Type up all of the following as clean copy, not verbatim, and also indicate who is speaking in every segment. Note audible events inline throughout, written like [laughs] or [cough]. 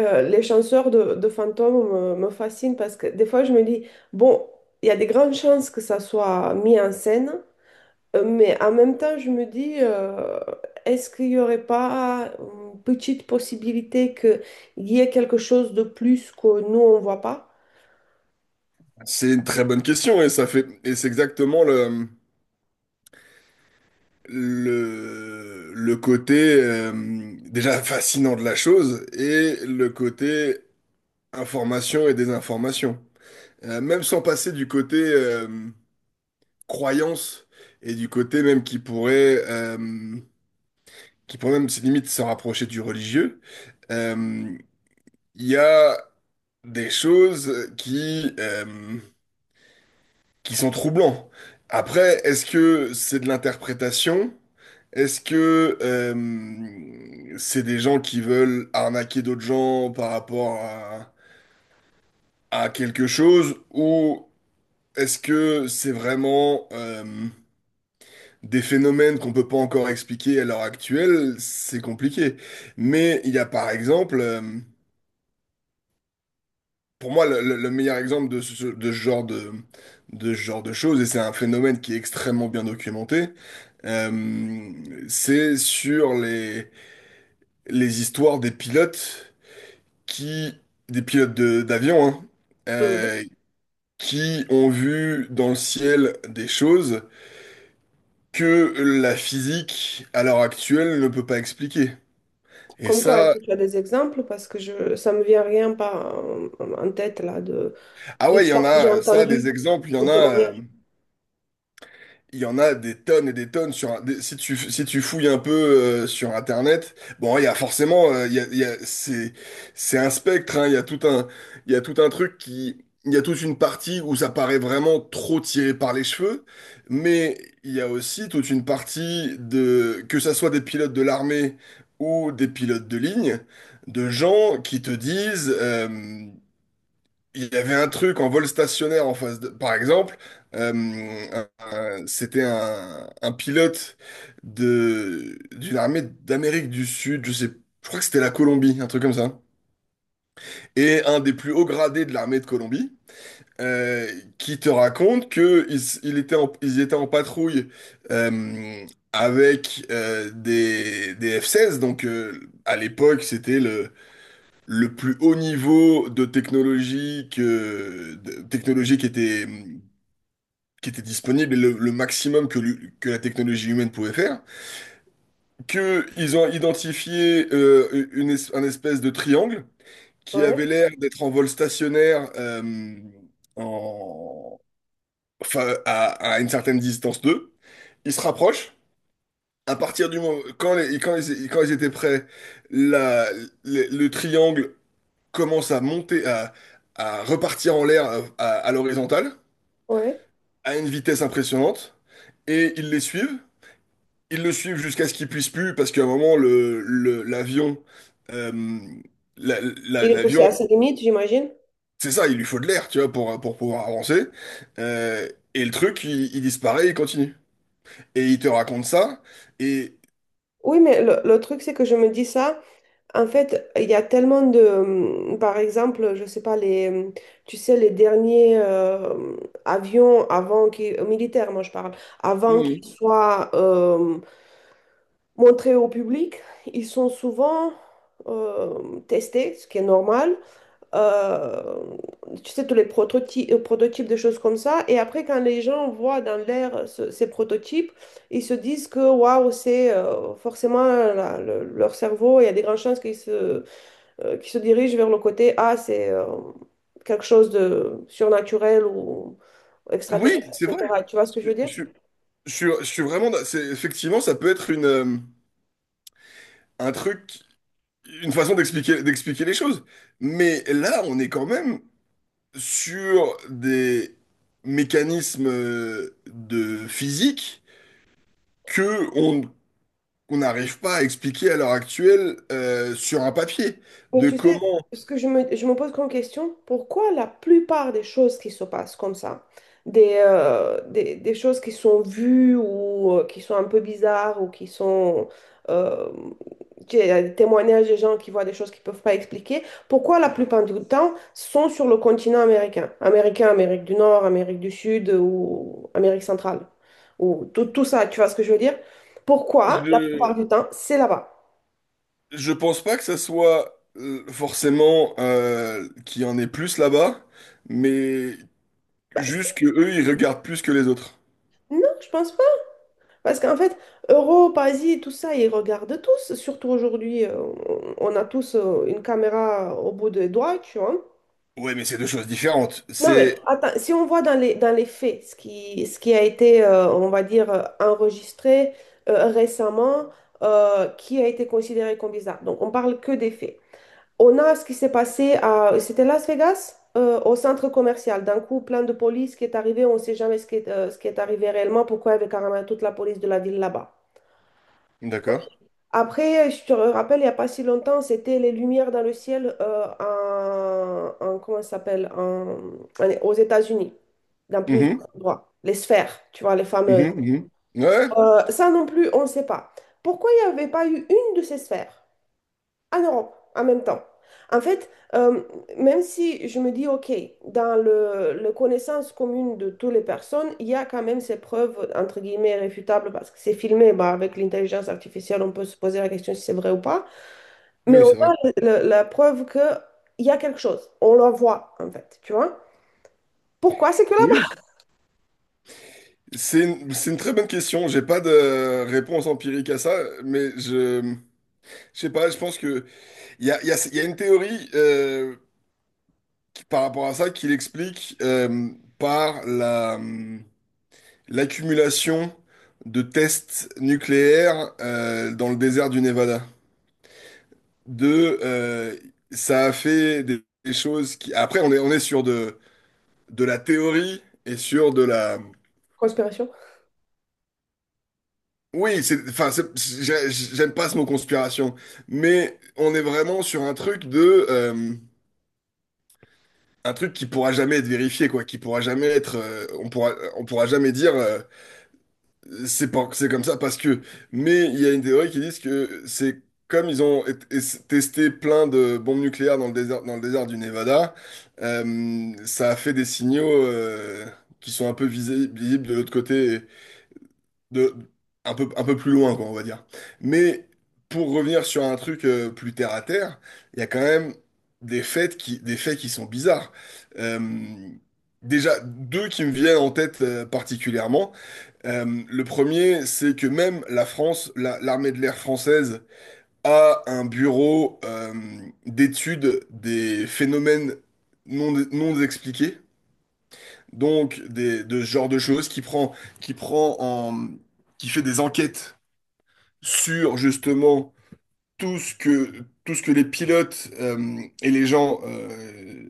Speaker 1: Les chanteurs de fantômes me fascinent parce que des fois je me dis, bon, il y a des grandes chances que ça soit mis en scène, mais en même temps je me dis, est-ce qu'il n'y aurait pas une petite possibilité qu'il y ait quelque chose de plus que nous on ne voit pas?
Speaker 2: C'est une très bonne question et ça fait et c'est exactement le côté déjà fascinant de la chose et le côté information et désinformation. Même sans passer du côté croyance et du côté même qui pourrait même limite se rapprocher du religieux. euh, il y a des choses qui sont troublants. Après, est-ce que c'est de l'interprétation? Est-ce que c'est des gens qui veulent arnaquer d'autres gens par rapport à quelque chose? Ou est-ce que c'est vraiment des phénomènes qu'on peut pas encore expliquer à l'heure actuelle? C'est compliqué. Mais il y a par exemple. Pour moi, le meilleur exemple de ce genre de ce genre de choses, et c'est un phénomène qui est extrêmement bien documenté. euh, c'est sur les histoires qui, des pilotes d'avion, hein.
Speaker 1: Mhm.
Speaker 2: euh, qui ont vu dans le ciel des choses que la physique, à l'heure actuelle, ne peut pas expliquer. Et
Speaker 1: Comme quoi, est-ce
Speaker 2: ça,
Speaker 1: que tu as des exemples? Parce que je, ça me vient rien pas en tête là de
Speaker 2: ah ouais, il y en
Speaker 1: d'histoires que j'ai
Speaker 2: a, ça, des
Speaker 1: entendues
Speaker 2: exemples, il y
Speaker 1: au
Speaker 2: en a.
Speaker 1: témoignage.
Speaker 2: Il y en a des tonnes et des tonnes si tu fouilles un peu sur Internet. Bon, il y a forcément c'est un spectre, hein. Il y a tout un truc qui il y a toute une partie où ça paraît vraiment trop tiré par les cheveux, mais il y a aussi toute une partie de que ça soit des pilotes de l'armée ou des pilotes de ligne, de gens qui te disent il y avait un truc en vol stationnaire en face de. Par exemple, euh, c'était un pilote d'une armée d'Amérique du Sud, je sais, je crois que c'était la Colombie, un truc comme ça. Et un des plus hauts gradés de l'armée de Colombie, euh, qui te raconte que ils étaient en patrouille euh, avec des F-16. Donc à l'époque, c'était le plus haut niveau de technologie de technologie qui était disponible, et le maximum que la technologie humaine pouvait faire, que ils ont identifié un espèce de triangle qui
Speaker 1: Ouais,
Speaker 2: avait l'air d'être en vol stationnaire en, enfin, à une certaine distance d'eux. Ils se rapprochent. À partir du moment, quand ils étaient prêts, la- le triangle commence à monter, à repartir en l'air à l'horizontale,
Speaker 1: ouais.
Speaker 2: à une vitesse impressionnante, et ils les suivent. Ils le suivent jusqu'à ce qu'ils puissent plus, parce qu'à un moment, l'avion, euh,
Speaker 1: Il est poussé
Speaker 2: l'avion,
Speaker 1: à ses limites, j'imagine.
Speaker 2: c'est ça, il lui faut de l'air, tu vois, pour pouvoir avancer. Euh, et le truc, il disparaît, il continue. Et il te raconte ça, et
Speaker 1: Oui, mais le truc, c'est que je me dis ça. En fait, il y a tellement de, par exemple, je sais pas, les, tu sais, les derniers avions avant qu'ils militaires, moi je parle, avant qu'ils
Speaker 2: Mmh.
Speaker 1: soient montrés au public, ils sont souvent testés, ce qui est normal, euh, tu sais, tous les prototypes, des choses comme ça. Et après, quand les gens voient dans l'air ces prototypes, ils se disent que waouh, c'est forcément leur cerveau, il y a des grandes chances qu'ils se dirigent vers le côté ah, c'est quelque chose de surnaturel ou extraterrestre,
Speaker 2: Oui, c'est vrai.
Speaker 1: etc. Tu vois ce que je
Speaker 2: Je,
Speaker 1: veux dire?
Speaker 2: je- je suis vraiment, c'est, effectivement, ça peut être un truc. Une façon d'expliquer les choses. Mais là, on est quand même sur des mécanismes de physique que on qu'on n'arrive pas à expliquer à l'heure actuelle sur un papier.
Speaker 1: Mais
Speaker 2: De
Speaker 1: tu sais,
Speaker 2: comment.
Speaker 1: ce que je me pose comme question, pourquoi la plupart des choses qui se passent comme ça, des choses qui sont vues ou qui sont un peu bizarres ou qui sont… euh, tu sais, il y a des témoignages des gens qui voient des choses qu'ils ne peuvent pas expliquer, pourquoi la plupart du temps sont sur le continent américain? Américain, Amérique du Nord, Amérique du Sud ou Amérique centrale. Ou tout, tout ça, tu vois ce que je veux dire? Pourquoi la plupart
Speaker 2: je
Speaker 1: du temps c'est là-bas?
Speaker 2: je pense pas que ça soit forcément qu'il y en ait plus là-bas, mais
Speaker 1: Bah, c'est-
Speaker 2: juste que eux ils regardent plus que les autres.
Speaker 1: non, je pense pas. Parce qu'en fait, Europe, Asie, tout ça, ils regardent tous, surtout aujourd'hui, on a tous une caméra au bout des doigts, tu vois.
Speaker 2: Ouais, mais c'est deux choses différentes.
Speaker 1: Non, mais
Speaker 2: C'est
Speaker 1: attends, si on voit dans les faits ce qui a été, on va dire, enregistré récemment, qui a été considéré comme bizarre. Donc, on parle que des faits. On a ce qui s'est passé à, c'était Las Vegas, au centre commercial. D'un coup, plein de police qui est arrivé, on ne sait jamais ce qui est, ce qui est arrivé réellement, pourquoi il y avait carrément toute la police de la ville là-bas.
Speaker 2: d'accord.
Speaker 1: Après, je te rappelle, il n'y a pas si longtemps, c'était les lumières dans le ciel comment ça s'appelle, aux États-Unis, dans plusieurs
Speaker 2: Mhm,
Speaker 1: endroits. Les sphères, tu vois, les
Speaker 2: mhm,
Speaker 1: fameuses.
Speaker 2: mhm. Ouais.
Speaker 1: Ça non plus, on ne sait pas. Pourquoi il n'y avait pas eu une de ces sphères en Europe en même temps? En fait, euh, même si je me dis, OK, le connaissance commune de toutes les personnes, il y a quand même ces preuves, entre guillemets, réfutables, parce que c'est filmé, bah, avec l'intelligence artificielle, on peut se poser la question si c'est vrai ou pas. Mais
Speaker 2: Oui,
Speaker 1: on
Speaker 2: c'est vrai.
Speaker 1: a la preuve qu'il y a quelque chose. On le voit, en fait, tu vois? Pourquoi c'est que là-bas?
Speaker 2: Oui,
Speaker 1: [laughs]
Speaker 2: c'est c'est une très bonne question. J'ai pas de réponse empirique à ça, mais je sais pas, je pense que il y a une théorie par rapport à ça qui l'explique par l'accumulation de tests nucléaires dans le désert du Nevada. De, euh, Ça a fait des choses qui. Après, on est sur de la théorie et sur de la...
Speaker 1: Conspiration.
Speaker 2: Oui, c'est, enfin, j'aime pas ce mot conspiration, mais on est vraiment sur un truc de, un truc qui pourra jamais être vérifié, quoi, qui pourra jamais être, on pourra jamais dire, c'est pas, c'est comme ça parce que, mais il y a une théorie qui dit que c'est comme ils ont testé plein de bombes nucléaires dans le désert du Nevada, ça a fait des signaux, qui sont un peu visibles de l'autre côté. De un peu plus loin, quoi, on va dire. Mais pour revenir sur un truc plus terre à terre, il y a quand même des faits qui sont bizarres. Euh, Déjà, deux qui me viennent en tête particulièrement. Le premier, c'est que même la France, l'armée de l'air française a un bureau d'études des phénomènes non expliqués. Donc, de ce genre de choses qui prend en, qui fait des enquêtes sur justement tout ce que les pilotes et les gens,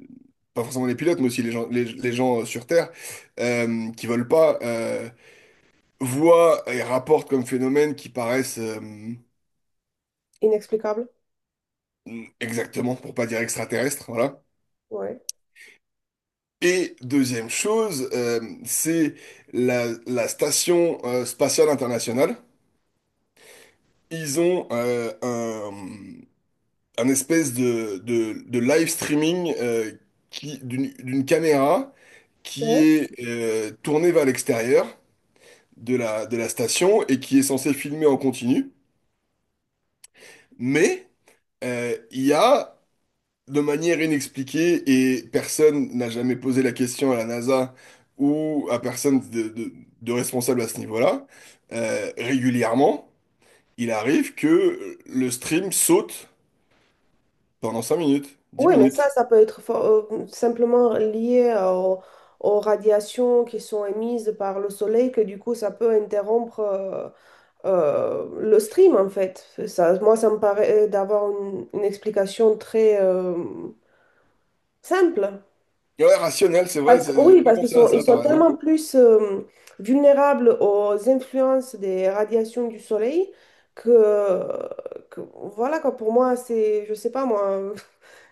Speaker 2: pas forcément les pilotes, mais aussi les gens, les gens sur Terre, qui veulent pas, voient et rapportent comme phénomènes qui paraissent
Speaker 1: Inexplicable.
Speaker 2: exactement, pour pas dire extraterrestres, voilà.
Speaker 1: Ouais.
Speaker 2: Et deuxième chose, c'est la station spatiale internationale. Ils ont un espèce de live streaming d'une caméra qui
Speaker 1: Ouais.
Speaker 2: est tournée vers l'extérieur de la station et qui est censée filmer en continu. Mais il y a, de manière inexpliquée, et personne n'a jamais posé la question à la NASA ou à personne de responsable à ce niveau-là, régulièrement, il arrive que le stream saute pendant 5 minutes, 10
Speaker 1: Oui, mais ça,
Speaker 2: minutes.
Speaker 1: ça peut être simplement lié au- aux radiations qui sont émises par le soleil, que du coup, ça peut interrompre le stream, en fait. Ça, moi, ça me paraît d'avoir une explication très simple.
Speaker 2: Ouais, rationnel, c'est vrai,
Speaker 1: Parce que,
Speaker 2: j'ai
Speaker 1: oui,
Speaker 2: pas
Speaker 1: parce qu'ils
Speaker 2: pensé à
Speaker 1: sont, ils
Speaker 2: ça, t'as
Speaker 1: sont
Speaker 2: raison.
Speaker 1: tellement plus vulnérables aux influences des radiations du soleil que, que voilà, quoi, pour moi, c'est, je sais pas moi,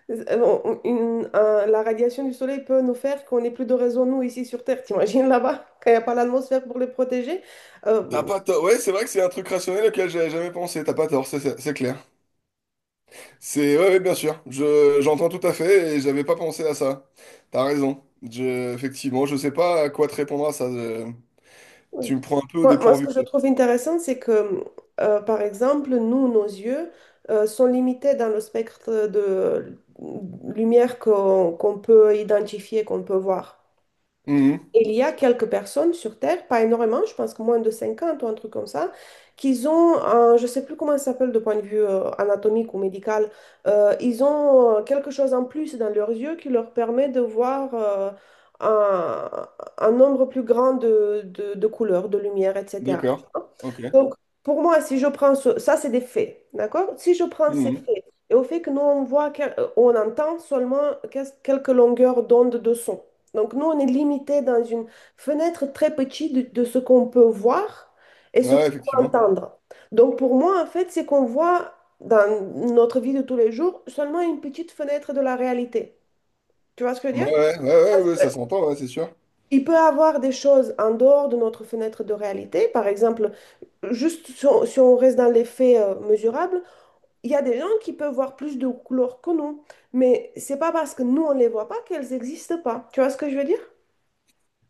Speaker 1: [laughs] la radiation du soleil peut nous faire qu'on n'ait plus de raison, nous, ici sur Terre. T'imagines là-bas, quand il n'y a pas l'atmosphère pour les protéger? Euh,
Speaker 2: T'as pas tort. Ouais, c'est vrai que c'est un truc rationnel auquel j'avais jamais pensé. T'as pas tort, c'est clair. C'est ouais, ouais, bien sûr. Je J'entends tout à fait et j'avais pas pensé à ça. T'as raison. Je Effectivement, je sais pas à quoi te répondre à ça. Tu me prends un peu au
Speaker 1: Moi, moi, ce
Speaker 2: dépourvu,
Speaker 1: que je
Speaker 2: quoi.
Speaker 1: trouve intéressant, c'est que, par exemple, nous, nos yeux, sont limités dans le spectre de lumière qu'on peut identifier, qu'on peut voir.
Speaker 2: Mhm.
Speaker 1: Il y a quelques personnes sur Terre, pas énormément, je pense que moins de 50 ou un truc comme ça, qui ont, un- je ne sais plus comment ça s'appelle de point de vue anatomique ou médical, ils ont quelque chose en plus dans leurs yeux qui leur permet de voir un, un nombre plus grand de couleurs, de lumière, etc.
Speaker 2: D'accord. Ok.
Speaker 1: Donc, pour moi, si je prends ça, c'est des faits, d'accord? Si je prends ces
Speaker 2: Mhm.
Speaker 1: faits et au fait que nous, on voit, on entend seulement quelques longueurs d'onde de son. Donc nous, on est limité dans une fenêtre très petite de ce qu'on peut voir et
Speaker 2: Ouais,
Speaker 1: ce
Speaker 2: ouais,
Speaker 1: qu'on peut
Speaker 2: effectivement.
Speaker 1: entendre. Donc pour moi, en fait, c'est qu'on voit dans notre vie de tous les jours seulement une petite fenêtre de la réalité. Tu vois ce que je veux
Speaker 2: Ouais,
Speaker 1: dire?
Speaker 2: ouais, ouais, ouais, ouais, ouais,
Speaker 1: Euh,
Speaker 2: ça s'entend, ouais, c'est sûr.
Speaker 1: Il peut y avoir des choses en dehors de notre fenêtre de réalité. Par exemple, juste si on reste dans les faits mesurables, il y a des gens qui peuvent voir plus de couleurs que nous. Mais c'est pas parce que nous, on ne les voit pas qu'elles n'existent pas. Tu vois ce que je veux dire?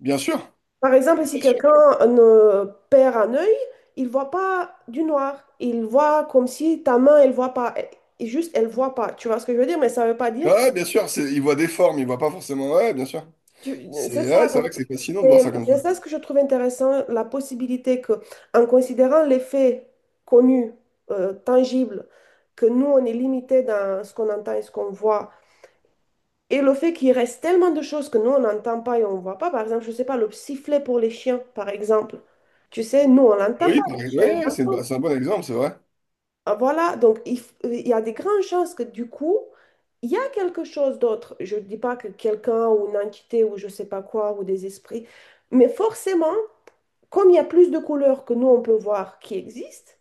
Speaker 2: Bien sûr.
Speaker 1: Par exemple, si quelqu'un euh, perd un œil, il voit pas du noir. Il voit comme si ta main, elle voit pas. Et juste, elle voit pas. Tu vois ce que je veux dire? Mais ça veut pas
Speaker 2: Ouais,
Speaker 1: dire que
Speaker 2: ouais, bien sûr. C'est, il voit des formes, il voit pas forcément. Ouais, ouais, bien sûr. C'est
Speaker 1: c'est
Speaker 2: ouais,
Speaker 1: ça.
Speaker 2: c'est
Speaker 1: Donc,
Speaker 2: vrai que c'est fascinant de voir
Speaker 1: c'est
Speaker 2: ça comme ça.
Speaker 1: ça ce que je trouve intéressant, la possibilité que, en considérant les faits connus, tangibles, que nous, on est limité dans ce qu'on entend et ce qu'on voit. Et le fait qu'il reste tellement de choses que nous, on n'entend pas et on ne voit pas, par exemple, je ne sais pas, le sifflet pour les chiens, par exemple. Tu sais, nous, on l'entend pas,
Speaker 2: Oui,
Speaker 1: les chiens, ils
Speaker 2: ouais, c'est bah,
Speaker 1: l'entendent.
Speaker 2: c'est un bon exemple, c'est vrai.
Speaker 1: Ah, voilà, donc il y a des grandes chances que du coup, il y a quelque chose d'autre. Je ne dis pas que quelqu'un ou une entité ou je ne sais pas quoi ou des esprits, mais forcément, comme il y a plus de couleurs que nous, on peut voir qui existent,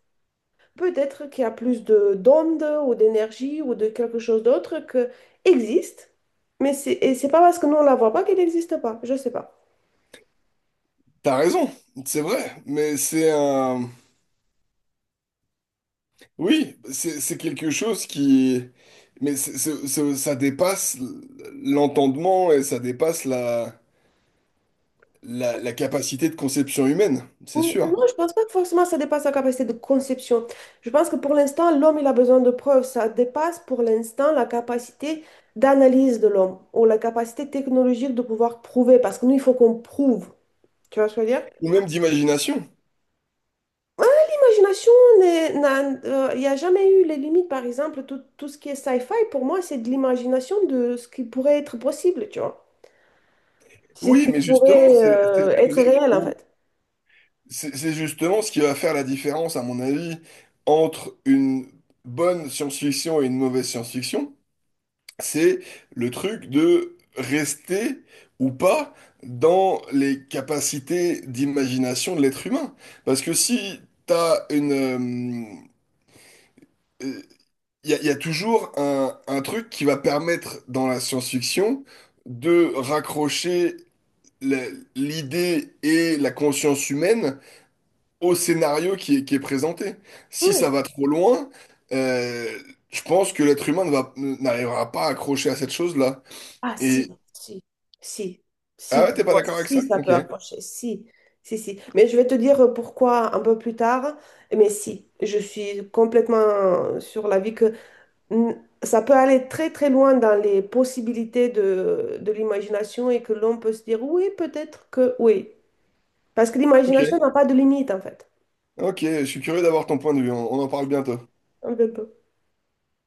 Speaker 1: peut-être qu'il y a plus de d'ondes ou d'énergie ou de quelque chose d'autre que existe, mais c'est et c'est pas parce que nous on la voit pas qu'elle n'existe pas. Je sais pas.
Speaker 2: T'as raison, c'est vrai, mais c'est un... Oui, c'est quelque chose qui... Mais ça dépasse l'entendement et ça dépasse la capacité de conception humaine, c'est sûr.
Speaker 1: Non, je pense pas que forcément ça dépasse la capacité de conception. Je pense que pour l'instant, l'homme, il a besoin de preuves. Ça dépasse pour l'instant la capacité d'analyse de l'homme ou la capacité technologique de pouvoir prouver. Parce que nous, il faut qu'on prouve. Tu vois ce que je veux dire?
Speaker 2: Ou même d'imagination.
Speaker 1: Ah, l'imagination il n'y a jamais eu les limites, par exemple, tout, tout ce qui est sci-fi, pour moi, c'est de l'imagination de ce qui pourrait être possible, tu vois. C'est Ce
Speaker 2: Oui,
Speaker 1: qui
Speaker 2: mais justement,
Speaker 1: pourrait
Speaker 2: c'est c'est
Speaker 1: être
Speaker 2: là
Speaker 1: réel, en
Speaker 2: où...
Speaker 1: fait.
Speaker 2: C'est justement ce qui va faire la différence, à mon avis, entre une bonne science-fiction et une mauvaise science-fiction. C'est le truc de rester ou pas dans les capacités d'imagination de l'être humain. Parce que si t'as une... Il y a toujours un truc qui va permettre dans la science-fiction de raccrocher la- l'idée et la conscience humaine au scénario qui est présenté. Si ça
Speaker 1: Ouais.
Speaker 2: va trop loin, euh, je pense que l'être humain ne n'arrivera pas à accrocher à cette chose-là.
Speaker 1: Ah, si, si, si, si,
Speaker 2: Ah ouais,
Speaker 1: pour
Speaker 2: t'es pas
Speaker 1: moi,
Speaker 2: d'accord avec ça?
Speaker 1: si, ça
Speaker 2: Ok,
Speaker 1: peut approcher, si, si, si. Mais je vais te dire pourquoi un peu plus tard, mais si, je suis complètement sur l'avis que n- ça peut aller très très loin dans les possibilités de l'imagination et que l'on peut se dire oui, peut-être que oui. Parce que l'imagination
Speaker 2: ok,
Speaker 1: n'a pas de limite en fait.
Speaker 2: ok, je suis curieux d'avoir ton point de vue, on en parle bientôt.
Speaker 1: Un peu.